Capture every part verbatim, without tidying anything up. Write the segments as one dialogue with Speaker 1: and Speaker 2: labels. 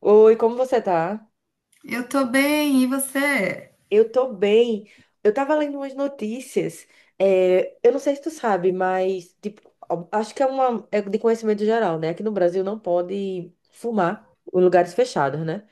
Speaker 1: Oi, como você tá?
Speaker 2: Eu tô bem, e você?
Speaker 1: Eu tô bem. Eu tava lendo umas notícias. É, eu não sei se tu sabe, mas tipo, ó, acho que é uma é de conhecimento geral, né? Aqui no Brasil não pode fumar em lugares fechados, né?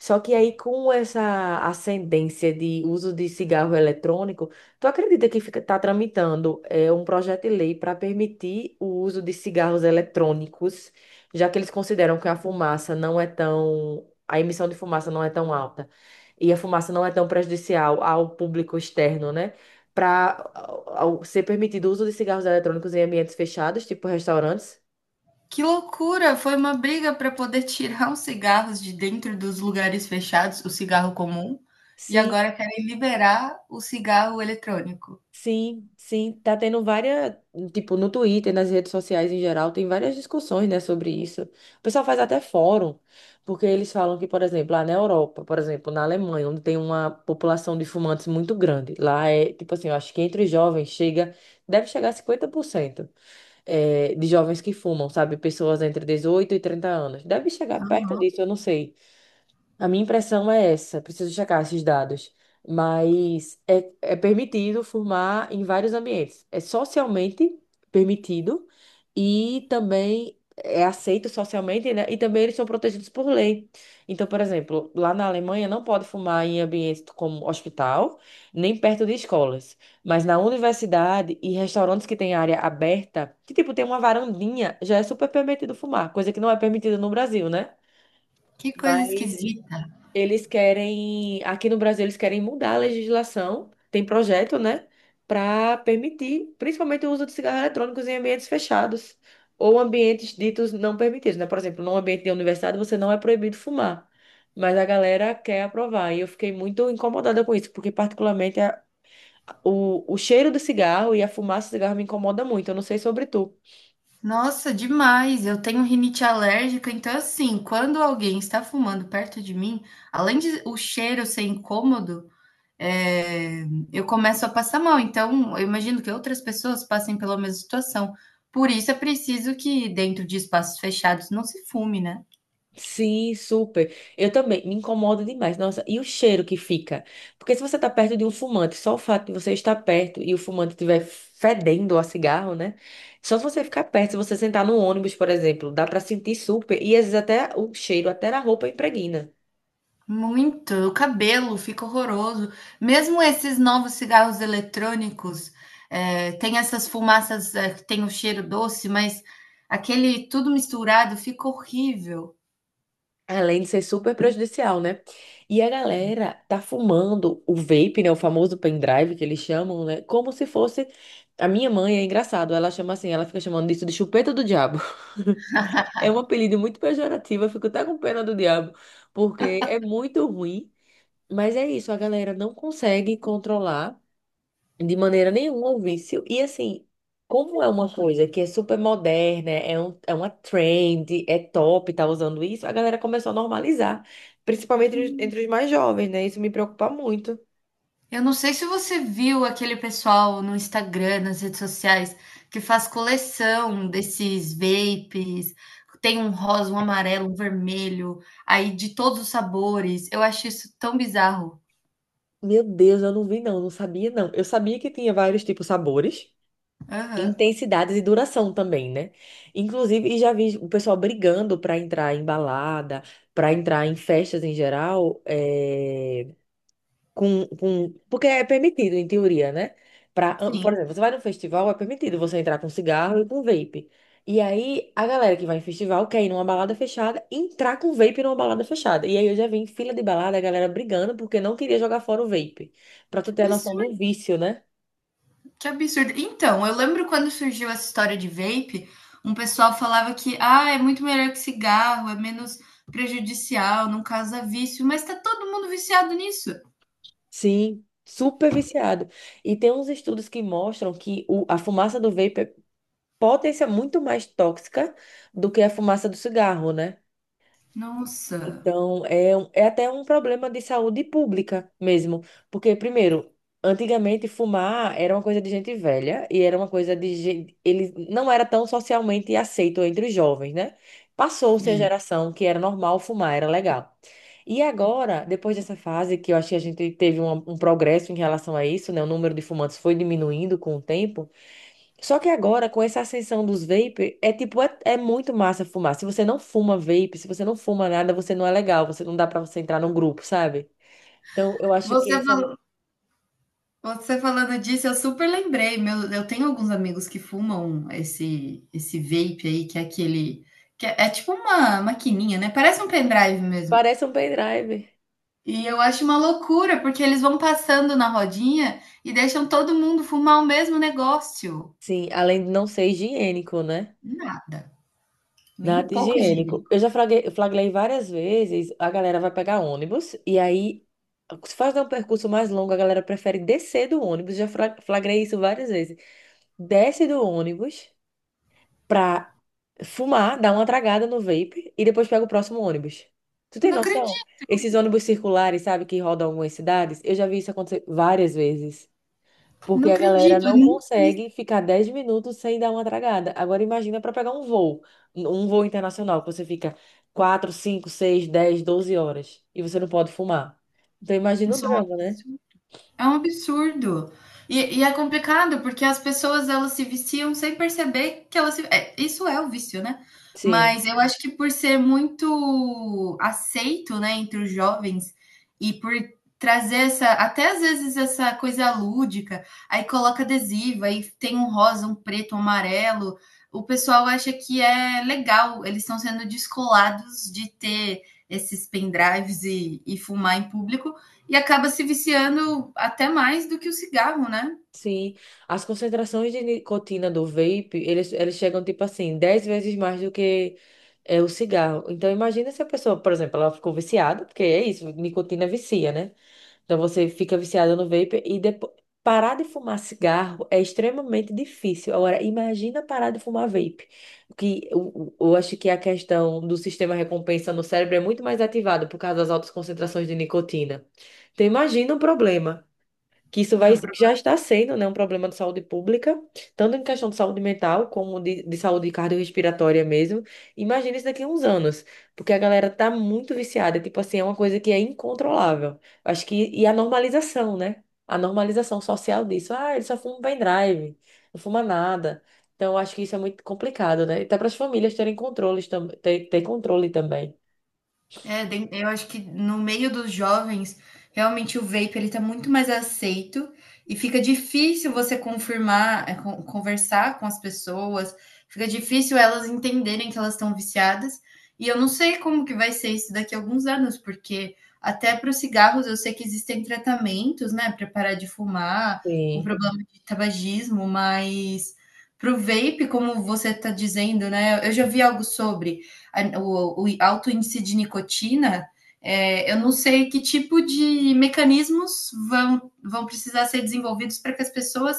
Speaker 1: Só que aí com essa ascendência de uso de cigarro eletrônico, tu acredita que fica, tá tramitando é, um projeto de lei para permitir o uso de cigarros eletrônicos, já que eles consideram que a fumaça não é tão a emissão de fumaça não é tão alta e a fumaça não é tão prejudicial ao público externo, né? Para ser permitido o uso de cigarros eletrônicos em ambientes fechados, tipo restaurantes.
Speaker 2: Que loucura! Foi uma briga para poder tirar os cigarros de dentro dos lugares fechados, o cigarro comum, e
Speaker 1: Sim,
Speaker 2: agora querem liberar o cigarro eletrônico.
Speaker 1: sim, sim. Tá tendo várias, tipo, no Twitter, nas redes sociais em geral, tem várias discussões, né, sobre isso. O pessoal faz até fórum, porque eles falam que, por exemplo, lá na Europa, por exemplo, na Alemanha, onde tem uma população de fumantes muito grande, lá é, tipo assim, eu acho que entre os jovens chega, deve chegar a cinquenta por cento. É, de jovens que fumam, sabe? Pessoas entre dezoito e trinta anos. Deve chegar perto disso, eu não sei. A minha impressão é essa, preciso checar esses dados, mas é, é permitido fumar em vários ambientes. É socialmente permitido e também é aceito socialmente, né? E também eles são protegidos por lei. Então, por exemplo, lá na Alemanha não pode fumar em ambientes como hospital, nem perto de escolas, mas na universidade e restaurantes que têm área aberta, que tipo tem uma varandinha, já é super permitido fumar, coisa que não é permitida no Brasil, né?
Speaker 2: Que coisa
Speaker 1: Mas
Speaker 2: esquisita.
Speaker 1: eles querem, aqui no Brasil, eles querem mudar a legislação, tem projeto, né, para permitir, principalmente o uso de cigarros eletrônicos em ambientes fechados ou ambientes ditos não permitidos, né? Por exemplo, num ambiente de universidade você não é proibido fumar, mas a galera quer aprovar. E eu fiquei muito incomodada com isso, porque particularmente a- o, o cheiro do cigarro e a fumaça do cigarro me incomoda muito. Eu não sei sobre tu.
Speaker 2: Nossa, demais. Eu tenho rinite alérgica, então assim, quando alguém está fumando perto de mim, além de o cheiro ser incômodo, é, eu começo a passar mal. Então, eu imagino que outras pessoas passem pela mesma situação. Por isso é preciso que, dentro de espaços fechados, não se fume, né?
Speaker 1: Sim, super. Eu também me incomoda demais. Nossa, e o cheiro que fica? Porque se você tá perto de um fumante, só o fato de você estar perto e o fumante estiver fedendo a cigarro, né? Só se você ficar perto, se você sentar no ônibus, por exemplo, dá pra sentir super e às vezes até o cheiro, até na roupa impregna.
Speaker 2: Muito. O cabelo fica horroroso. Mesmo esses novos cigarros eletrônicos, é, tem essas fumaças é, que tem o cheiro doce, mas aquele tudo misturado fica horrível.
Speaker 1: Além de ser super prejudicial, né? E a galera tá fumando o vape, né? O famoso pendrive que eles chamam, né? Como se fosse. A minha mãe é engraçado, ela chama assim, ela fica chamando disso de chupeta do diabo. É um apelido muito pejorativo, eu fico até com pena do diabo, porque é muito ruim, mas é isso, a galera não consegue controlar de maneira nenhuma o vício. E assim, como é uma coisa que é super moderna, é, um, é uma trend, é top, tá usando isso, a galera começou a normalizar, principalmente entre os entre os mais jovens, né? Isso me preocupa muito.
Speaker 2: Eu não sei se você viu aquele pessoal no Instagram, nas redes sociais, que faz coleção desses vapes. Tem um rosa, um amarelo, um vermelho, aí de todos os sabores. Eu acho isso tão bizarro.
Speaker 1: Meu Deus, eu não vi não, não sabia não. Eu sabia que tinha vários tipos de sabores.
Speaker 2: Aham.
Speaker 1: Intensidades e duração também, né? Inclusive, e já vi o pessoal brigando para entrar em balada, para entrar em festas em geral, é, com, com, porque é permitido, em teoria, né? Pra, por
Speaker 2: Sim.
Speaker 1: exemplo, você vai num festival, é permitido você entrar com cigarro e com vape. E aí, a galera que vai em festival quer ir numa balada fechada, entrar com vape numa balada fechada. E aí, eu já vi em fila de balada a galera brigando porque não queria jogar fora o vape. Pra
Speaker 2: Que
Speaker 1: tu ter a noção do
Speaker 2: absurdo,
Speaker 1: vício, né?
Speaker 2: que absurdo. Então, eu lembro quando surgiu essa história de vape, um pessoal falava que, ah, é muito melhor que cigarro, é menos prejudicial, não causa vício, mas tá todo mundo viciado nisso.
Speaker 1: Sim, super viciado. E tem uns estudos que mostram que o, a fumaça do vapor pode ser muito mais tóxica do que a fumaça do cigarro, né?
Speaker 2: Nossa.
Speaker 1: Então, é, um- é até um problema de saúde pública mesmo. Porque, primeiro, antigamente fumar era uma coisa de gente velha e era uma coisa de gente. Ele não era tão socialmente aceito entre os jovens, né? Passou-se a
Speaker 2: Sim.
Speaker 1: geração que era normal fumar, era legal. E agora, depois dessa fase, que eu acho que a gente teve um, um progresso em relação a isso, né? O número de fumantes foi diminuindo com o tempo. Só que agora, com essa ascensão dos vape, é tipo, é, é muito massa fumar. Se você não fuma vape, se você não fuma nada, você não é legal, você não dá pra você entrar num grupo, sabe? Então, eu acho que
Speaker 2: Você
Speaker 1: essa
Speaker 2: Você falando disso, eu super lembrei. Meu, eu tenho alguns amigos que fumam esse esse vape aí, que é aquele. Que é, é tipo uma maquininha, né? Parece um pendrive mesmo.
Speaker 1: parece um pendrive.
Speaker 2: E eu acho uma loucura, porque eles vão passando na rodinha e deixam todo mundo fumar o mesmo negócio.
Speaker 1: Sim, além de não ser higiênico, né?
Speaker 2: Nada. Nem um
Speaker 1: Nada
Speaker 2: pouco
Speaker 1: higiênico.
Speaker 2: higiênico.
Speaker 1: Eu já flagrei, flagrei várias vezes, a galera vai pegar ônibus, e aí, se faz um percurso mais longo, a galera prefere descer do ônibus. Já fra- flagrei isso várias vezes. Desce do ônibus pra fumar, dar uma tragada no vape e depois pega o próximo ônibus. Tu tem
Speaker 2: Não
Speaker 1: noção?
Speaker 2: acredito.
Speaker 1: Esses ônibus circulares, sabe, que rodam algumas cidades, eu já vi isso acontecer várias vezes. Porque
Speaker 2: Não
Speaker 1: a galera
Speaker 2: acredito. Eu
Speaker 1: não
Speaker 2: nunca vi isso.
Speaker 1: consegue ficar dez minutos sem dar uma tragada. Agora imagina para pegar um voo, um voo internacional, que você fica quatro cinco seis dez doze horas e você não pode fumar. Então imagina o
Speaker 2: Isso é um
Speaker 1: drama, né?
Speaker 2: absurdo. É um absurdo. E, e é complicado porque as pessoas elas se viciam sem perceber que elas se... é, isso é o vício, né?
Speaker 1: Sim.
Speaker 2: Mas eu acho que por ser muito aceito, né, entre os jovens e por trazer essa, até às vezes essa coisa lúdica, aí coloca adesivo, aí tem um rosa, um preto, um amarelo, o pessoal acha que é legal, eles estão sendo descolados de ter esses pendrives e, e fumar em público e acaba se viciando até mais do que o cigarro, né?
Speaker 1: Sim, as concentrações de nicotina do vape, eles, eles chegam, tipo assim, dez vezes mais do que é, o cigarro. Então, imagina se a pessoa, por exemplo, ela ficou viciada, porque é isso, nicotina vicia, né? Então, você fica viciada no vape e depois... Parar de fumar cigarro é extremamente difícil. Agora, imagina parar de fumar vape. Que eu, eu acho que a questão do sistema recompensa no cérebro é muito mais ativado por causa das altas concentrações de nicotina. Então, imagina o problema que isso vai,
Speaker 2: Não.
Speaker 1: que já está sendo, né, um problema de saúde pública, tanto em questão de saúde mental como de, de saúde cardiorrespiratória mesmo. Imagina isso daqui a uns anos, porque a galera tá muito viciada, tipo assim, é uma coisa que é incontrolável. Acho que, e a normalização, né? A normalização social disso. Ah, ele só fuma um pendrive, não fuma nada. Então, eu acho que isso é muito complicado, né? E até para as famílias terem controle tam- ter, ter controle também.
Speaker 2: É, den- eu acho que no meio dos jovens, realmente o vape ele está muito mais aceito e fica difícil você confirmar, é, con- conversar com as pessoas, fica difícil elas entenderem que elas estão viciadas. E eu não sei como que vai ser isso daqui a alguns anos, porque até para os cigarros eu sei que existem tratamentos, né, para parar de fumar, com
Speaker 1: Sim.
Speaker 2: problema de tabagismo, mas para o vape, como você está dizendo, né, eu já vi algo sobre a- o, o alto índice de nicotina, é, eu não sei que tipo de mecanismos vão, vão precisar ser desenvolvidos para que as pessoas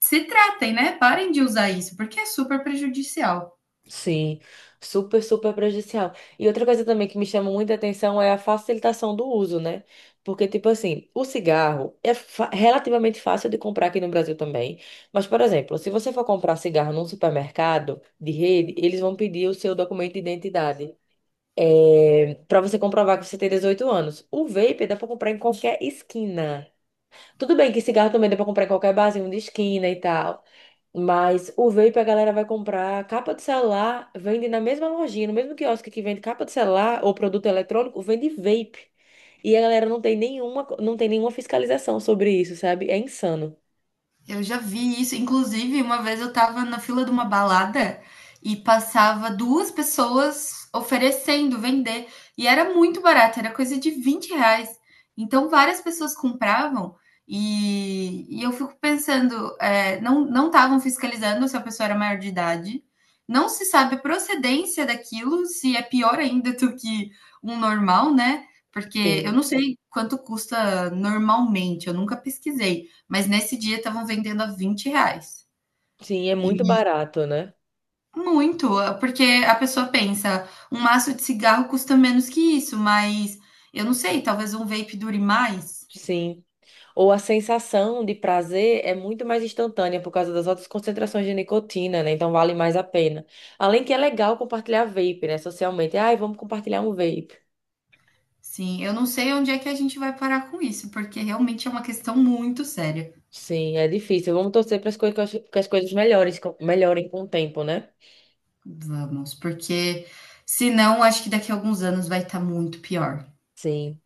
Speaker 2: se tratem, né? Parem de usar isso, porque é super prejudicial.
Speaker 1: Sim, super, super prejudicial. E outra coisa também que me chama muita atenção é a facilitação do uso, né? Porque, tipo assim, o cigarro é fa- relativamente fácil de comprar aqui no Brasil também. Mas, por exemplo, se você for comprar cigarro num supermercado de rede, eles vão pedir o seu documento de identidade. É, para você comprovar que você tem dezoito anos. O vape dá pra comprar em qualquer esquina. Tudo bem que cigarro também dá pra comprar em qualquer barzinho de esquina e tal. Mas o vape a galera vai comprar capa de celular, vende na mesma lojinha, no mesmo quiosque que vende capa de celular ou produto eletrônico, vende vape. E a galera não tem nenhuma, não tem nenhuma fiscalização sobre isso, sabe? É insano.
Speaker 2: Eu já vi isso. Inclusive, uma vez eu tava na fila de uma balada e passava duas pessoas oferecendo vender. E era muito barato, era coisa de vinte reais. Então, várias pessoas compravam e, e eu fico pensando, é, não não estavam fiscalizando se a pessoa era maior de idade. Não se sabe a procedência daquilo, se é pior ainda do que um normal, né? Porque eu
Speaker 1: Sim.
Speaker 2: não sei quanto custa normalmente, eu nunca pesquisei. Mas nesse dia estavam vendendo a vinte reais.
Speaker 1: Sim, é muito
Speaker 2: E
Speaker 1: barato, né?
Speaker 2: muito, porque a pessoa pensa, um maço de cigarro custa menos que isso, mas eu não sei, talvez um vape dure mais.
Speaker 1: Sim. Ou a sensação de prazer é muito mais instantânea por causa das altas concentrações de nicotina, né? Então vale mais a pena. Além que é legal compartilhar vape, né? Socialmente. Ai, vamos compartilhar um vape.
Speaker 2: Sim, eu não sei onde é que a gente vai parar com isso, porque realmente é uma questão muito séria.
Speaker 1: Sim, é difícil. Vamos torcer para as coisas, que as coisas melhores, com- melhorem com o tempo, né?
Speaker 2: Vamos, porque senão acho que daqui a alguns anos vai estar muito pior.
Speaker 1: Sim.